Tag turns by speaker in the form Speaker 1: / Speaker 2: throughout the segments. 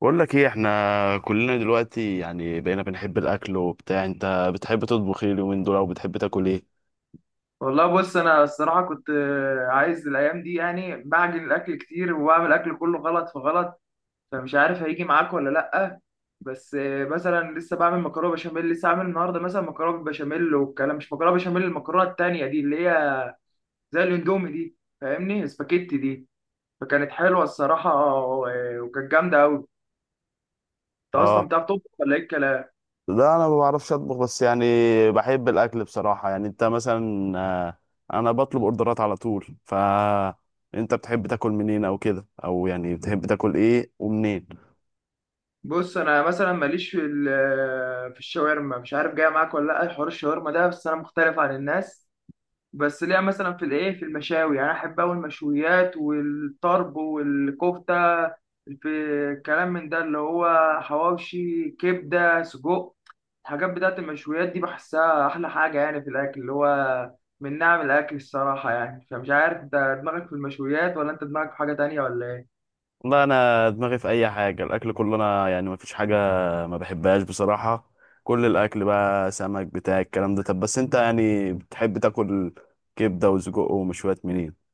Speaker 1: بقول لك ايه؟ احنا كلنا دلوقتي يعني بقينا بنحب الاكل وبتاع. انت بتحب تطبخ ايه اليومين دول، او بتحب تاكل ايه؟
Speaker 2: والله بص انا الصراحه كنت عايز الايام دي يعني بعجن الاكل كتير وبعمل اكل كله غلط في غلط. فمش عارف هيجي معاك ولا لا. بس مثلا لسه بعمل مكرونه بشاميل، لسه عامل النهارده مثلا مكرونه بالبشاميل والكلام، مش مكرونه بشاميل، المكرونه التانيه دي اللي هي زي الاندومي دي، فاهمني؟ سباكيتي دي. فكانت حلوه الصراحه وكانت جامده قوي. انت اصلا
Speaker 1: اه.
Speaker 2: بتعرف تطبخ ولا ايه الكلام؟
Speaker 1: لا انا ما بعرفش اطبخ، بس يعني بحب الاكل بصراحة. يعني انت مثلا، انا بطلب اوردرات على طول. ف انت بتحب تاكل منين او كده، او يعني بتحب تاكل ايه ومنين؟
Speaker 2: بص انا مثلا ماليش في في الشاورما، مش عارف جايه معاك ولا لا حوار الشاورما ده، بس انا مختلف عن الناس. بس ليها مثلا في الايه، في المشاوي، يعني أنا احب اوي المشويات والطرب والكفته، في كلام من ده اللي هو حواوشي، كبده، سجق. الحاجات بتاعت المشويات دي بحسها احلى حاجه يعني في الاكل، اللي هو من نعم الاكل الصراحه يعني. فمش عارف انت دماغك في المشويات ولا انت دماغك في حاجه تانية ولا ايه؟
Speaker 1: والله انا دماغي في اي حاجه، الاكل كله، انا يعني ما فيش حاجه ما بحبهاش بصراحه. كل الاكل بقى، سمك بتاع الكلام ده. طب بس انت يعني بتحب تاكل كبده وسجق ومشويات منين؟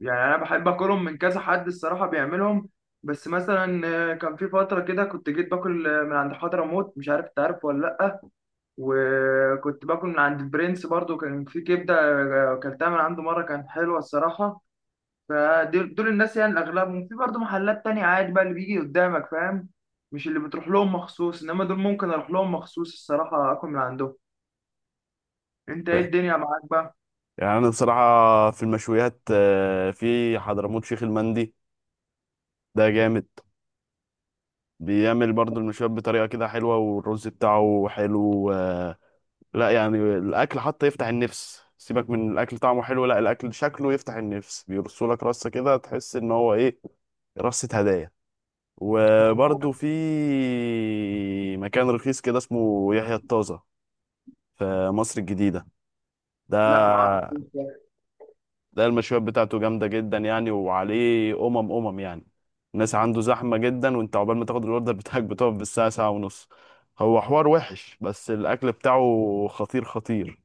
Speaker 2: يعني انا بحب اكلهم من كذا حد الصراحه بيعملهم. بس مثلا كان في فتره كده كنت جيت باكل من عند حضرموت، مش عارف انت عارف ولا لا. وكنت باكل من عند برنس برضو، كان في كبدة أكلتها من عنده مرة كانت حلوة الصراحة. فدول الناس يعني، الأغلبهم في برضو محلات تانية عادي بقى اللي بيجي قدامك، فاهم؟ مش اللي بتروح لهم مخصوص، إنما دول ممكن أروح لهم مخصوص الصراحة، أكل من عندهم. أنت إيه
Speaker 1: ف-
Speaker 2: الدنيا معاك بقى؟
Speaker 1: يعني انا بصراحه في المشويات، في حضرموت شيخ المندي، ده جامد. بيعمل برضو المشويات بطريقه كده حلوه، والرز بتاعه حلو. لا يعني الاكل حتى يفتح النفس. سيبك من الاكل طعمه حلو، لا الاكل شكله يفتح النفس. بيرسولك رصه كده، تحس ان هو ايه، رصة هدايا.
Speaker 2: مخبوط.
Speaker 1: وبرضه في مكان رخيص كده، اسمه يحيى الطازة في مصر الجديدة. ده
Speaker 2: لا معرفوش ده.
Speaker 1: ده المشويات بتاعته جامدة جدا يعني. وعليه أمم أمم يعني الناس عنده زحمة جدا، وانت عقبال ما تاخد الأوردر بتاعك بتقف بالساعة، ساعة ونص. هو حوار وحش بس الأكل بتاعه خطير خطير.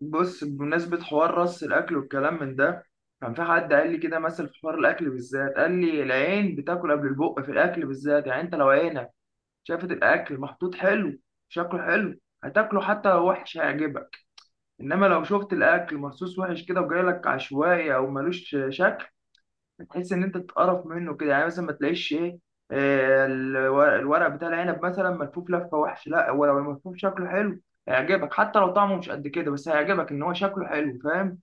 Speaker 2: بص، بمناسبة حوار رص الأكل والكلام من ده، كان في حد قال لي كده مثل في حوار الأكل بالذات، قال لي العين بتاكل قبل البق في الأكل بالذات. يعني أنت لو عينك شافت الاكل محطوط حلو، شكله حلو، هتاكله حتى لو وحش، هيعجبك. انما لو شفت الاكل مرصوص وحش كده وجايلك عشوائي او ملوش شكل، هتحس ان انت تتقرف منه كده. يعني مثلا ما تلاقيش ايه، الورق بتاع العنب مثلا ملفوف لفه وحش، لا. هو لو الملفوف شكله حلو هيعجبك حتى لو طعمه مش قد كده، بس هيعجبك ان هو شكله حلو، فاهم؟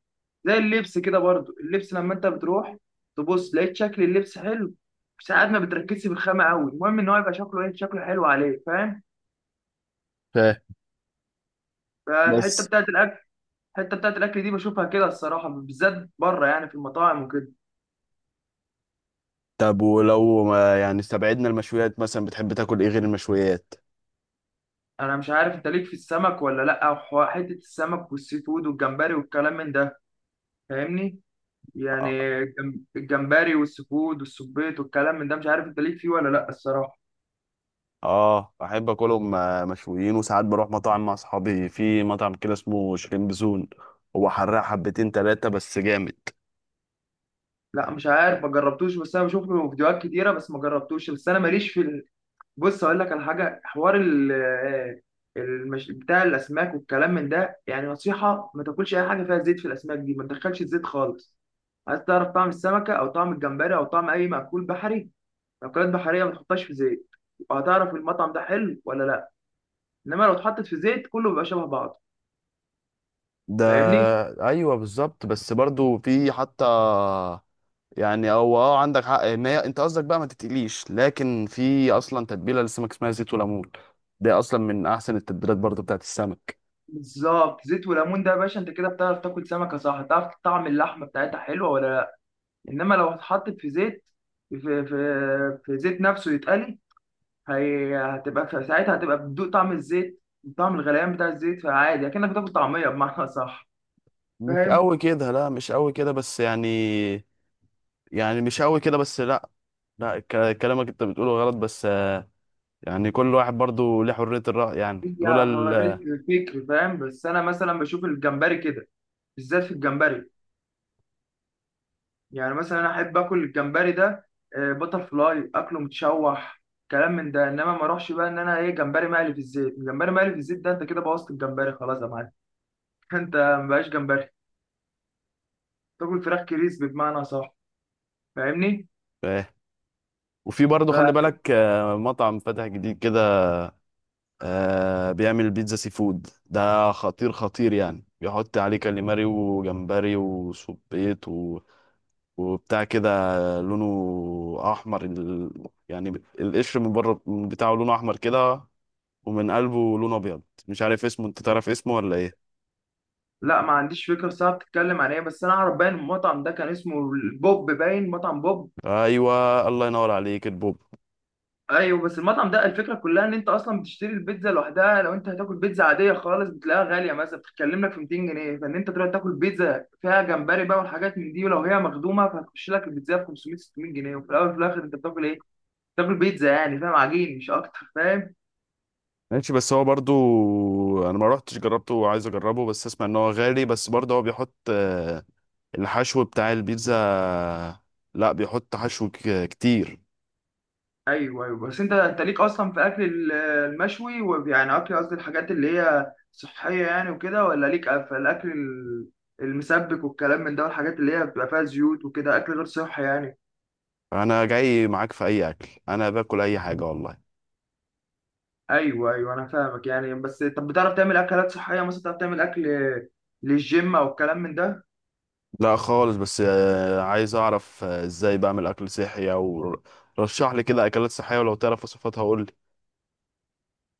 Speaker 2: زي اللبس كده برضو، اللبس لما انت بتروح تبص لقيت شكل اللبس حلو، ساعات ما بتركزش في الخامة قوي، المهم ان هو يبقى شكله ايه، شكله حلو عليه، فاهم؟
Speaker 1: فاهم.
Speaker 2: فالحته
Speaker 1: بس
Speaker 2: بتاعت الاكل، الحته بتاعت الاكل دي بشوفها كده الصراحه بالذات بره، يعني في المطاعم وكده.
Speaker 1: طب ولو ما يعني استبعدنا المشويات، مثلا بتحب تاكل ايه غير المشويات؟
Speaker 2: انا مش عارف انت ليك في السمك ولا لا، أو حته السمك والسي فود والجمبري والكلام من ده، فاهمني؟ يعني الجمبري والسي فود والسبيط والكلام من ده، مش عارف انت ليك فيه ولا لا الصراحه.
Speaker 1: اه احب اكلهم مشويين. وساعات بروح مطاعم مع اصحابي، في مطعم كده اسمه شريم بزون، هو حراق حبتين تلاتة بس جامد.
Speaker 2: لا مش عارف، ما جربتوش، بس انا بشوف له فيديوهات كتيره، بس ما جربتوش، بس انا ماليش في. بص اقول لك على حاجه، حوار ال آه، بتاع الاسماك والكلام من ده، يعني نصيحه ما تاكلش اي حاجه فيها زيت في الاسماك دي، ما تدخلش الزيت خالص. عايز تعرف طعم السمكه او طعم الجمبري او طعم اي مأكول بحري، مأكولات بحريه، ما تحطهاش في زيت، وهتعرف المطعم ده حلو ولا لا. انما لو اتحطت في زيت، كله بيبقى شبه بعضه،
Speaker 1: ده
Speaker 2: فاهمني؟
Speaker 1: ايوه بالظبط. بس برضو في حتى، يعني هو اه عندك حق ان هي، انت قصدك بقى ما تتقليش، لكن في اصلا تتبيله للسمك اسمها زيت وليمون. ده اصلا من احسن التتبيلات برضو بتاعت السمك.
Speaker 2: بالظبط، زيت وليمون ده يا باشا، انت كده بتعرف تاكل سمكه صح، تعرف طعم اللحمه بتاعتها حلوه ولا لا. انما لو اتحطت في زيت، في، في زيت نفسه يتقلي، هي هتبقى في ساعتها هتبقى بتدوق طعم الزيت، طعم الغليان بتاع الزيت، فعادي اكنك بتاكل طعميه بمعنى صح،
Speaker 1: مش
Speaker 2: فاهم؟
Speaker 1: قوي كده، لا مش قوي كده بس يعني، يعني مش قوي كده بس. لا لا، كلامك انت بتقوله غلط. بس يعني كل واحد برضو ليه حرية الرأي. يعني
Speaker 2: هي
Speaker 1: لولا ال
Speaker 2: هوريك الفكر، فاهم؟ بس انا مثلا بشوف الجمبري كده، بالذات في الجمبري، يعني مثلا انا احب اكل الجمبري ده بتر فلاي، اكله متشوح، كلام من ده. انما ما اروحش بقى ان انا ايه، جمبري مقلي في الزيت؟ الجمبري مقلي في الزيت ده انت كده بوظت الجمبري خلاص يا معلم. انت مبقاش جمبري، تاكل فراخ كريسبي بمعنى صح، فاهمني؟
Speaker 1: آه. وفي برضو خلي بالك، مطعم فتح جديد كده، بيعمل بيتزا سي فود ده خطير خطير. يعني بيحط عليه كاليماري وجمبري وسبيط وبتاع كده. لونه أحمر يعني القشر من بره بتاعه لونه أحمر كده. ومن قلبه لونه أبيض. مش عارف اسمه، أنت تعرف اسمه ولا إيه؟
Speaker 2: لا ما عنديش فكره الساعه بتتكلم عن ايه، بس انا اعرف باين المطعم ده كان اسمه بوب، باين مطعم بوب.
Speaker 1: أيوه الله ينور عليك، البوب.
Speaker 2: ايوه، بس المطعم ده الفكره كلها ان انت اصلا بتشتري البيتزا لوحدها. لو انت هتاكل بيتزا عاديه خالص بتلاقيها غاليه، مثلا بتتكلم لك في 200 جنيه، فان انت تروح تاكل بيتزا فيها جمبري بقى والحاجات من دي ولو هي مخدومه، فهتخش لك البيتزا ب 500 600 جنيه، وفي الاول وفي الاخر انت بتاكل ايه؟ بتاكل بيتزا يعني، فاهم؟ عجين مش اكتر، فاهم؟
Speaker 1: ماشي. بس هو برضو انا ما روحتش جربته، وعايز اجربه. بس اسمع ان هو غالي، بس برضه هو بيحط الحشو بتاع البيتزا. لا بيحط حشو كتير.
Speaker 2: ايوه ايوه، بس انت ليك اصلا في اكل المشوي ويعني اكل، قصدي الحاجات اللي هي صحيه يعني وكده، ولا ليك في الاكل المسبك والكلام من ده والحاجات اللي هي بتبقى فيها زيوت وكده، اكل غير صحي يعني.
Speaker 1: انا جاي معاك في اي اكل، انا باكل اي حاجة والله.
Speaker 2: ايوه ايوه انا فاهمك يعني، بس طب بتعرف تعمل اكلات صحيه؟ مثلا بتعرف تعمل اكل للجيم او الكلام من ده؟
Speaker 1: لا خالص. بس عايز اعرف ازاي بعمل اكل صحي، او رشح لي كده اكلات صحية، ولو تعرف وصفاتها قول لي.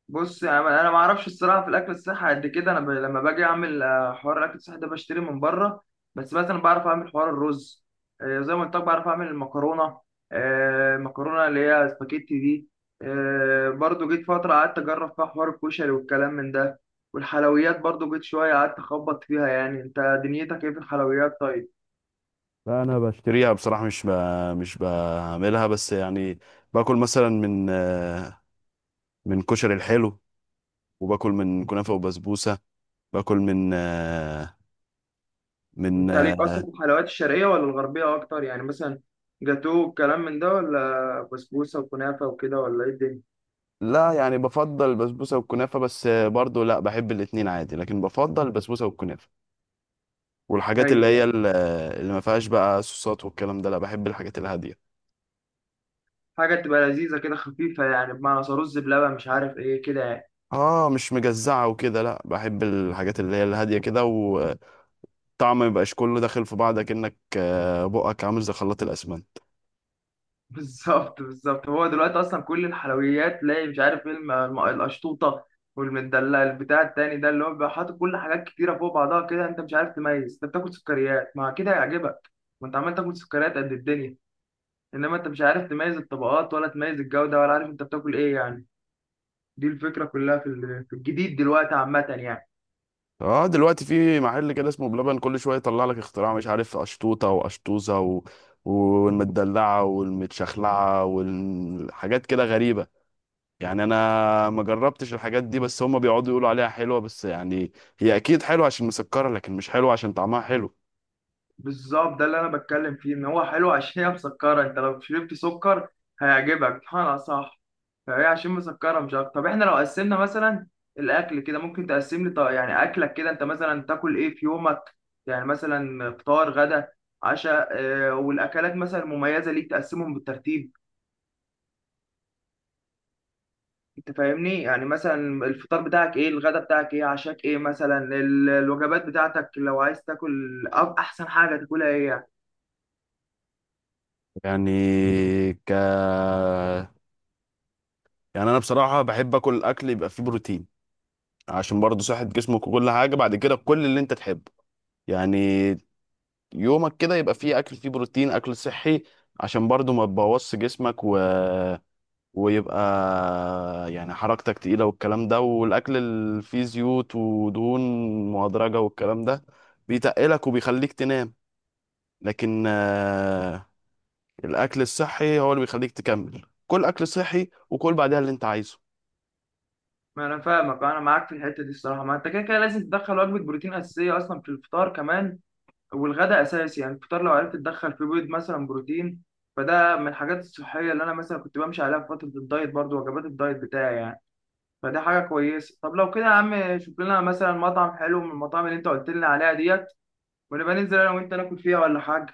Speaker 2: بص يا عم، انا ما اعرفش الصراحه في الاكل الصحي قد كده. انا لما باجي اعمل حوار الاكل الصحي ده بشتري من بره. بس مثلا بعرف اعمل حوار الرز، زي ما قلت لك بعرف اعمل المكرونه، المكرونه اللي هي سباكيتي دي. برضو جيت فتره قعدت اجرب فيها حوار الكشري والكلام من ده، والحلويات برضو جيت شويه قعدت اخبط فيها. يعني انت دنيتك ايه في الحلويات طيب؟
Speaker 1: لا انا بشتري، بشتريها بصراحة، مش بعملها بس يعني. باكل مثلا من من كشري الحلو. وباكل من كنافة وبسبوسة. باكل من من
Speaker 2: انت ليك اصلا في الحلويات الشرقيه ولا الغربيه اكتر؟ يعني مثلا جاتوه والكلام من ده، ولا بسبوسه وكنافه وكده، ولا ايه الدنيا؟
Speaker 1: لا يعني بفضل البسبوسه والكنافه. بس برضو لا بحب الاتنين عادي، لكن بفضل البسبوسه والكنافه. والحاجات اللي هي
Speaker 2: ايوه،
Speaker 1: اللي ما فيهاش بقى صوصات والكلام ده. لا بحب الحاجات الهاديه.
Speaker 2: حاجة تبقى لذيذة كده خفيفة، يعني بمعنى رز بلبن، مش عارف ايه كده يعني.
Speaker 1: اه مش مجزعه وكده. لا بحب الحاجات اللي هي الهاديه كده، وطعم ما يبقاش كله داخل في بعض، كأنك بقك عامل زي خلاط الاسمنت.
Speaker 2: بالظبط بالظبط. هو دلوقتي اصلا كل الحلويات تلاقي مش عارف ايه، القشطوطة والمدلع البتاع التاني ده، اللي هو بيبقى حاطط كل حاجات كتيرة فوق بعضها كده، انت مش عارف تميز، انت بتاكل سكريات، مع كده هيعجبك وانت عمال تاكل سكريات قد الدنيا. انما انت مش عارف تميز الطبقات ولا تميز الجودة ولا عارف انت بتاكل ايه يعني. دي الفكرة كلها في في الجديد دلوقتي عامة يعني.
Speaker 1: اه دلوقتي في محل كده اسمه بلبن، كل شويه يطلع لك اختراع، مش عارف اشطوطه واشطوزه والمدلعه والمتشخلعه والحاجات كده غريبه. يعني انا ما جربتش الحاجات دي، بس هم بيقعدوا يقولوا عليها حلوه. بس يعني هي اكيد حلوه عشان مسكره، لكن مش حلوه عشان طعمها حلو.
Speaker 2: بالظبط، ده اللي انا بتكلم فيه، ان هو حلو عشان هي مسكره. انت لو شربت سكر هيعجبك بمعنى صح، فهي عشان مسكره مش اكتر. طب احنا لو قسمنا مثلا الاكل كده، ممكن تقسم لي طيب يعني اكلك كده، انت مثلا تاكل ايه في يومك؟ يعني مثلا فطار، غدا، عشاء، والاكلات مثلا المميزه ليك، تقسمهم بالترتيب، انت فاهمني؟ يعني مثلا الفطار بتاعك ايه، الغدا بتاعك ايه، عشاك ايه، مثلا الوجبات بتاعتك لو عايز تاكل، أو احسن حاجه تاكلها ايه يعني.
Speaker 1: يعني ك يعني انا بصراحه بحب اكل اكل يبقى فيه بروتين. عشان برضه صحه جسمك، وكل حاجه بعد كده كل اللي انت تحبه يعني. يومك كده يبقى فيه اكل فيه بروتين، اكل صحي، عشان برضو ما تبوظش جسمك، و... ويبقى يعني حركتك تقيلة. والكلام ده، والاكل اللي فيه زيوت ودهون مهدرجة والكلام ده، بيتقلك وبيخليك تنام. لكن الاكل الصحي هو اللي بيخليك تكمل، كل اكل صحي وكل بعدها اللي انت عايزه.
Speaker 2: ما انا فاهمك، انا معاك في الحته دي الصراحه. ما انت كده كده لازم تدخل وجبه بروتين اساسيه اصلا في الفطار كمان، والغداء اساسي. يعني الفطار لو عرفت تدخل فيه بيض مثلا، بروتين، فده من الحاجات الصحيه اللي انا مثلا كنت بمشي عليها في فتره الدايت، برضو وجبات الدايت بتاعي يعني، فدي حاجه كويسه. طب لو كده يا عم، شوف لنا مثلا مطعم حلو من المطاعم اللي انت قلت لنا عليها ديت، ونبقى ننزل انا وانت ناكل فيها ولا حاجه.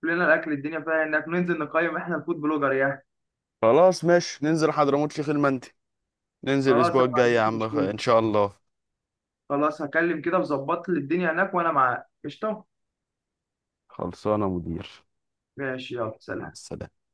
Speaker 2: شوف لنا الاكل الدنيا فيها إيه، انك ننزل نقيم احنا الفود بلوجر يعني.
Speaker 1: خلاص ماشي، ننزل حضرموت شيخ المندي. ننزل
Speaker 2: خلاص
Speaker 1: الاسبوع
Speaker 2: انا ما
Speaker 1: الجاي يا
Speaker 2: عنديش
Speaker 1: عم،
Speaker 2: مشكله،
Speaker 1: ان شاء الله.
Speaker 2: خلاص هكلم كده وظبط لي الدنيا هناك وانا معاك قشطه.
Speaker 1: خلصانه يا مدير.
Speaker 2: ماشي، يلا
Speaker 1: مع
Speaker 2: سلام.
Speaker 1: السلامه.